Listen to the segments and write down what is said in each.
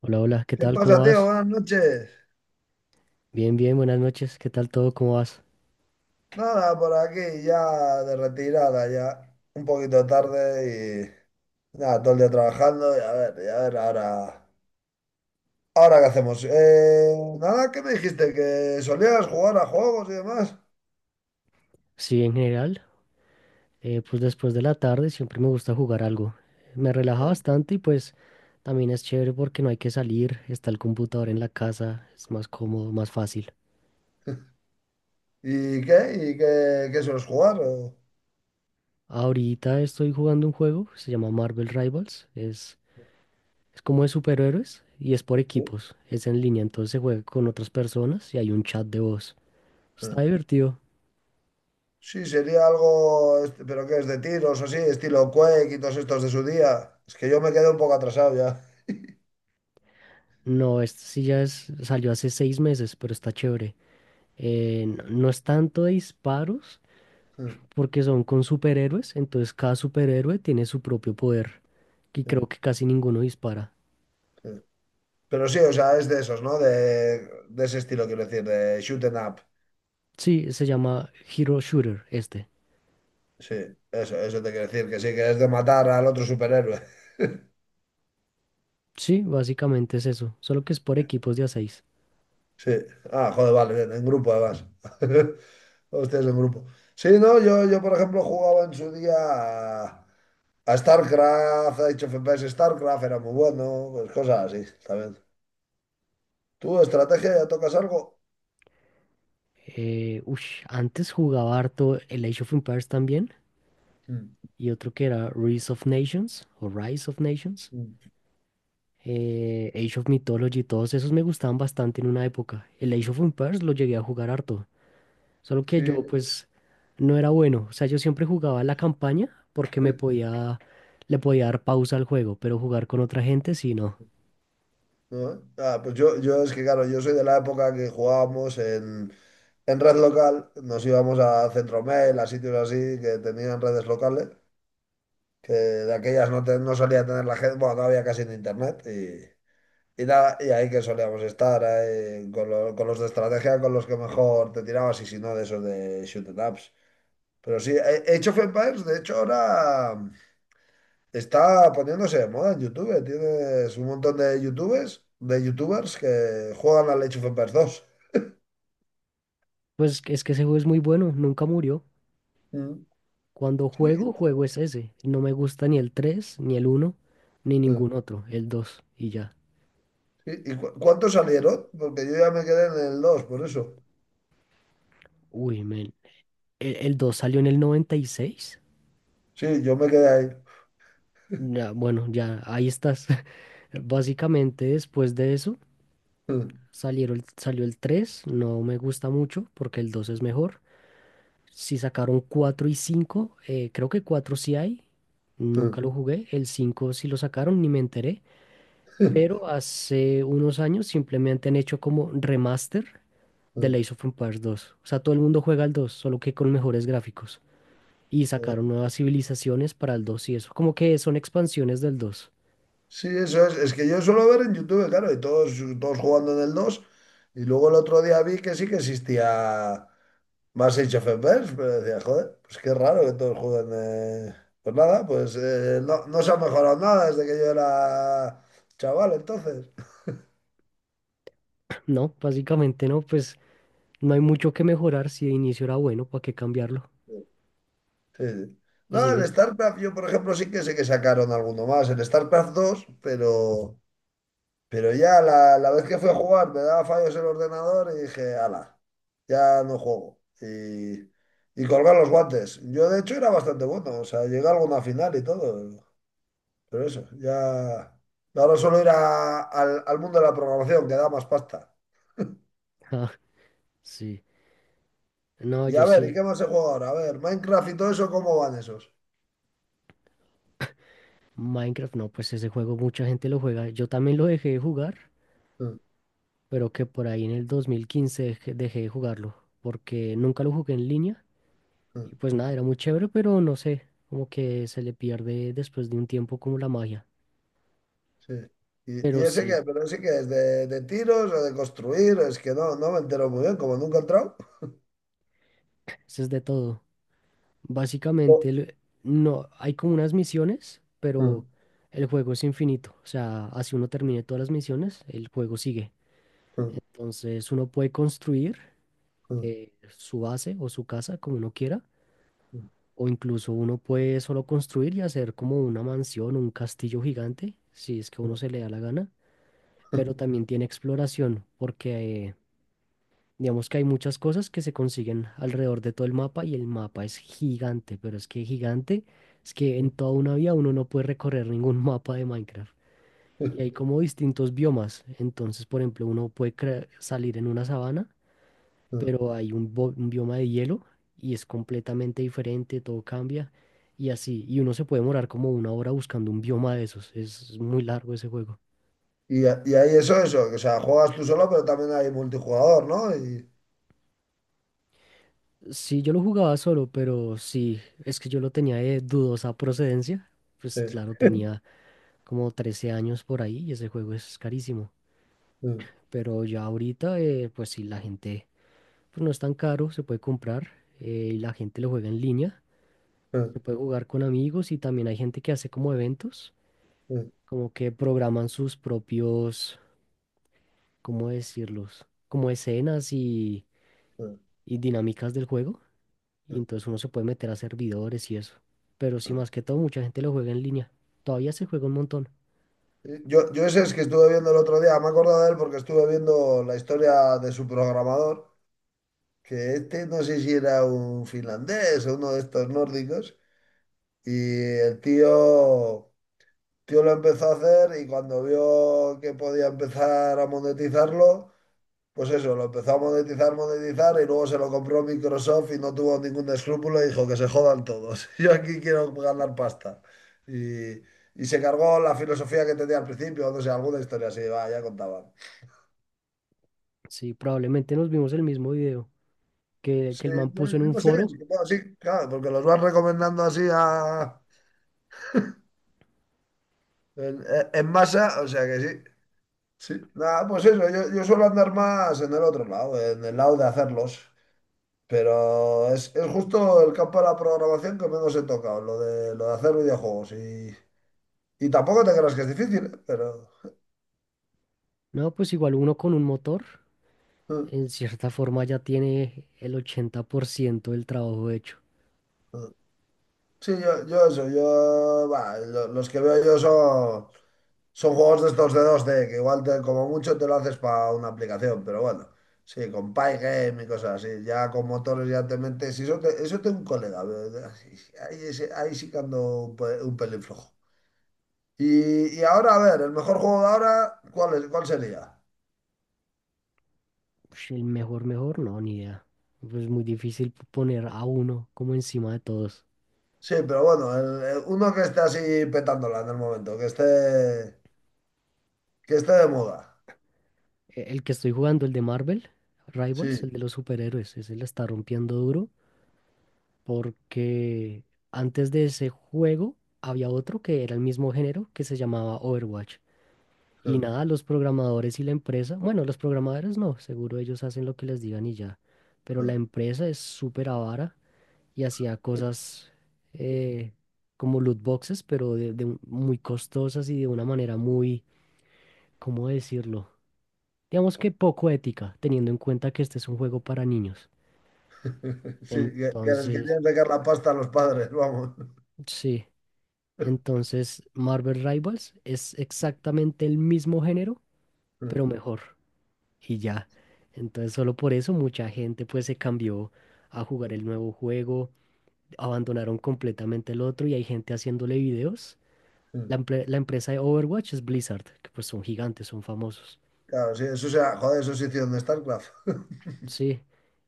Hola, hola, ¿qué ¿Qué tal? ¿Cómo pasa, tío? vas? Buenas noches. Bien, bien, buenas noches. ¿Qué tal todo? ¿Cómo vas? Nada, por aquí ya de retirada, ya un poquito tarde y nada, todo el día trabajando y a ver, ahora, ahora qué hacemos. Nada, ¿qué me dijiste? ¿Que solías jugar a juegos y demás? Sí, en general, pues después de la tarde siempre me gusta jugar algo. Me relaja bastante y pues también es chévere porque no hay que salir, está el computador en la casa, es más cómodo, más fácil. ¿Y qué? ¿Y qué sueles jugar? ¿O? Ahorita estoy jugando un juego, se llama Marvel Rivals, es como de superhéroes y es por Sí, equipos, es en línea, entonces se juega con otras personas y hay un chat de voz. Está divertido. sí, sería algo, este, pero ¿qué es de tiros o así? Estilo Quake y todos estos de su día. Es que yo me quedé un poco atrasado ya. No, este sí ya es, salió hace 6 meses, pero está chévere. No es tanto de disparos, porque son con superhéroes, entonces cada superhéroe tiene su propio poder, y creo que casi ninguno dispara. Pero sí, o sea, es de esos, ¿no? De ese estilo, quiero decir, de shoot 'em up. Sí, se llama Hero Shooter este. Sí, eso te quiero decir, que sí, que es de matar al otro superhéroe. Sí, básicamente es eso, solo que es por equipos de a 6. Sí. Ah, joder, vale, bien, en grupo además. Hostias, en grupo. Sí, no, yo por ejemplo jugaba en su día a StarCraft, a Age of Empires, StarCraft era muy bueno, pues cosas así, también. ¿Tú, estrategia, ya tocas algo? Antes jugaba harto el Age of Empires también, Mm, y otro que era Rise of Nations, o Rise of Nations. mm. Age of Mythology, todos esos me gustaban bastante en una época. El Age of Empires lo llegué a jugar harto. Solo que Sí, yo pues no era bueno. O sea, yo siempre jugaba la campaña porque sí, le podía dar pausa al juego, pero jugar con otra gente sí no. ¿no? Ah, pues yo es que, claro, yo soy de la época que jugábamos en red local, nos íbamos a Centromail, a sitios así que tenían redes locales, que de aquellas no, no solía tener la gente, bueno, no había casi ni internet y nada, y ahí que solíamos estar ahí con, con los de estrategia, con los que mejor te tirabas y si no de esos de shoot 'em ups. Pero sí, Age of Empires, de hecho, ahora está poniéndose de moda en YouTube. Tienes un montón de YouTubers que juegan al Age of Empires 2. Pues es que ese juego es muy bueno, nunca murió. Mm. Cuando juego, juego es ese. No me gusta ni el 3 ni el uno ni Sí. ningún otro, el dos y ya. Y cuántos salieron? Porque yo ya me quedé en el dos, por eso. Uy, men. El 2 salió en el noventa y seis. Sí, yo me quedé ahí. Ya, bueno, ya ahí estás. Básicamente después de eso salió el tres, no me gusta mucho porque el 2 es mejor. Si sacaron 4 y cinco, creo que 4 sí hay. Nunca lo jugué. El 5 sí lo sacaron, ni me enteré. Pero hace unos años simplemente han hecho como remaster de Age of Empires dos. O sea, todo el mundo juega al 2 solo que con mejores gráficos. Y sacaron nuevas civilizaciones para el 2 y eso. Como que son expansiones del dos. Sí, eso es. Es que yo suelo ver en YouTube, claro, y todos, todos jugando en el 2. Y luego el otro día vi que sí que existía más Age of Empires, pero decía, joder, pues qué raro que todos jueguen. Pues nada, pues no, no se ha mejorado nada desde que yo era chaval, entonces. No, básicamente no, pues no hay mucho que mejorar. Si de inicio era bueno, ¿para qué cambiarlo? Sí, sí. Y No, el sigues. StarCraft, yo por ejemplo sí que sé que sacaron alguno más, el StarCraft dos, pero ya la vez que fui a jugar me daba fallos el ordenador y dije, ala, ya no juego. Y colgar los guantes. Yo de hecho era bastante bueno, o sea, llegué a alguna final y todo, pero eso, ya... Ahora solo ir al, al mundo de la programación, que da más pasta. Ah, sí. No, Y a yo ver, ¿y sí. qué más se juega ahora? A ver, Minecraft y todo eso, ¿cómo van esos? Minecraft, no, pues ese juego mucha gente lo juega. Yo también lo dejé de jugar, Mm, pero que por ahí en el 2015 dejé de jugarlo, porque nunca lo jugué en línea. mm. Y pues nada, era muy chévere, pero no sé, como que se le pierde después de un tiempo como la magia. Sí. Y Pero ese sí, que, pero ese que es de tiros o de construir, es que no, no me entero muy bien, como nunca he entrado. eso es de todo. Básicamente, no, hay como unas misiones, Mm, pero el juego es infinito. O sea, así uno termine todas las misiones, el juego sigue. mm, Entonces uno puede construir mm, su base o su casa como uno quiera. O incluso uno puede solo construir y hacer como una mansión, un castillo gigante, si es que a uno mm, se le da la gana, mm, pero también tiene exploración, porque digamos que hay muchas cosas que se consiguen alrededor de todo el mapa y el mapa es gigante, pero es que gigante, es que en toda una vida uno no puede recorrer ningún mapa de Minecraft. mm, Y hay como distintos biomas, entonces por ejemplo uno puede salir en una sabana, mm. pero hay un bioma de hielo y es completamente diferente, todo cambia y así. Y uno se puede demorar como una hora buscando un bioma de esos. Es muy largo ese juego. Y, y ahí eso, eso, que, o sea, juegas tú solo, pero también hay multijugador, ¿no? Y, Sí, yo lo jugaba solo, pero sí, es que yo lo tenía de dudosa procedencia. sí. Pues claro, tenía como 13 años por ahí y ese juego es carísimo. Mm, Pero ya ahorita, pues sí, la gente, pues no es tan caro, se puede comprar, y la gente lo juega en línea. Se mm, puede jugar con amigos y también hay gente que hace como eventos, mm, como que programan sus propios, ¿cómo decirlos? Como escenas y mm, dinámicas del juego. Y mm. entonces uno se puede meter a servidores y eso. Pero sí, más que todo, mucha gente lo juega en línea. Todavía se juega un montón. Yo ese es que estuve viendo el otro día, me he acordado de él porque estuve viendo la historia de su programador, que este no sé si era un finlandés o uno de estos nórdicos. Y el tío, tío lo empezó a hacer y cuando vio que podía empezar a monetizarlo, pues eso, lo empezó a monetizar, monetizar y luego se lo compró Microsoft y no tuvo ningún escrúpulo y dijo que se jodan todos. Yo aquí quiero ganar pasta. Y, y se cargó la filosofía que tenía al principio, no sé, alguna historia así, va, ya contaban. Sí, probablemente nos vimos el mismo video, que Sí, el man no, puso en un no sé, sí, foro. bueno, sí, claro, porque los vas recomendando así a, en, en masa, o sea que sí. Sí, nada, pues eso, yo suelo andar más en el otro lado, en el lado de hacerlos, pero es justo el campo de la programación que menos he tocado, lo de hacer videojuegos. Y tampoco te creas que es difícil, ¿eh? Pero... No, pues igual uno con un motor, eh, en cierta forma ya tiene el 80% del trabajo hecho. eh. Sí, yo eso, yo... bah, los que veo yo son... Son juegos de estos de dos d que igual como mucho te lo haces para una aplicación, pero bueno, sí, con Pygame y cosas así, ya con motores ya te metes. Y eso, eso tengo un colega, ahí, ahí sí que ando un, un pelín flojo. Y ahora, a ver, el mejor juego de ahora, ¿cuál es, cuál sería? El mejor, mejor, no, ni idea. Pues muy difícil poner a uno como encima de todos. Sí, pero bueno, uno que esté así petándola en el momento, que esté de moda. El que estoy jugando, el de Marvel, Rivals, el Sí. de los superhéroes, ese la está rompiendo duro, porque antes de ese juego había otro que era el mismo género que se llamaba Overwatch. Y nada, los programadores y la empresa, bueno, los programadores no, seguro ellos hacen lo que les digan y ya, pero Sí, la empresa es súper avara y hacía cosas eh, como loot boxes, pero de muy costosas y de una manera muy, ¿cómo decirlo? Digamos que poco ética, teniendo en cuenta que este es un juego para niños. sí, que les Entonces, querían sacar la pasta a los padres, vamos. sí. Entonces, Marvel Rivals es exactamente el mismo género, pero mejor. Y ya. Entonces, solo por eso mucha gente pues se cambió a jugar el nuevo juego, abandonaron completamente el otro y hay gente haciéndole videos. La, empre- la empresa de Overwatch es Blizzard, que pues son gigantes, son famosos. Claro, sí, eso sea, joder, eso sí hicieron de StarCraft. Sí.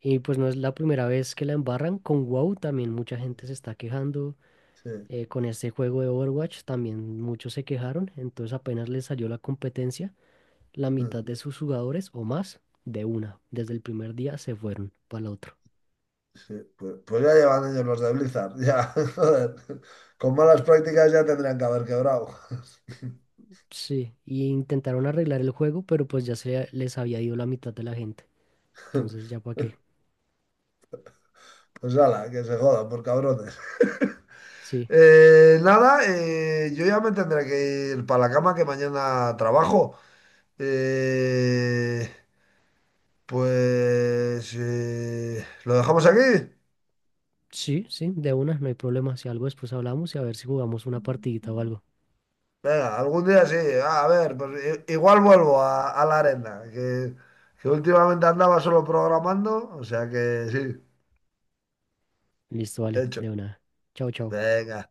Y pues no es la primera vez que la embarran. Con WoW también mucha gente se está quejando. Sí, Con este juego de Overwatch también muchos se quejaron, entonces apenas les salió la competencia, la mitad de sus jugadores o más, de una, desde el primer día se fueron para el otro. sí. Pues, pues ya llevan ellos los de Blizzard, ya, joder. Con malas prácticas ya tendrían que haber quebrado. Sí, y intentaron arreglar el juego, pero pues ya se les había ido la mitad de la gente, entonces ya para qué. Pues ala, que se jodan por cabrones. Sí, nada, yo ya me tendré que ir para la cama que mañana trabajo. Eh, pues lo dejamos aquí. sí, sí, de una, no hay problema, si algo después hablamos y a ver si jugamos una partidita o algo. Venga, algún día sí. Ah, a ver, pues igual vuelvo a la arena, que últimamente andaba solo programando, o sea que sí, Listo, vale, hecho. de una. Chao, chao. Venga.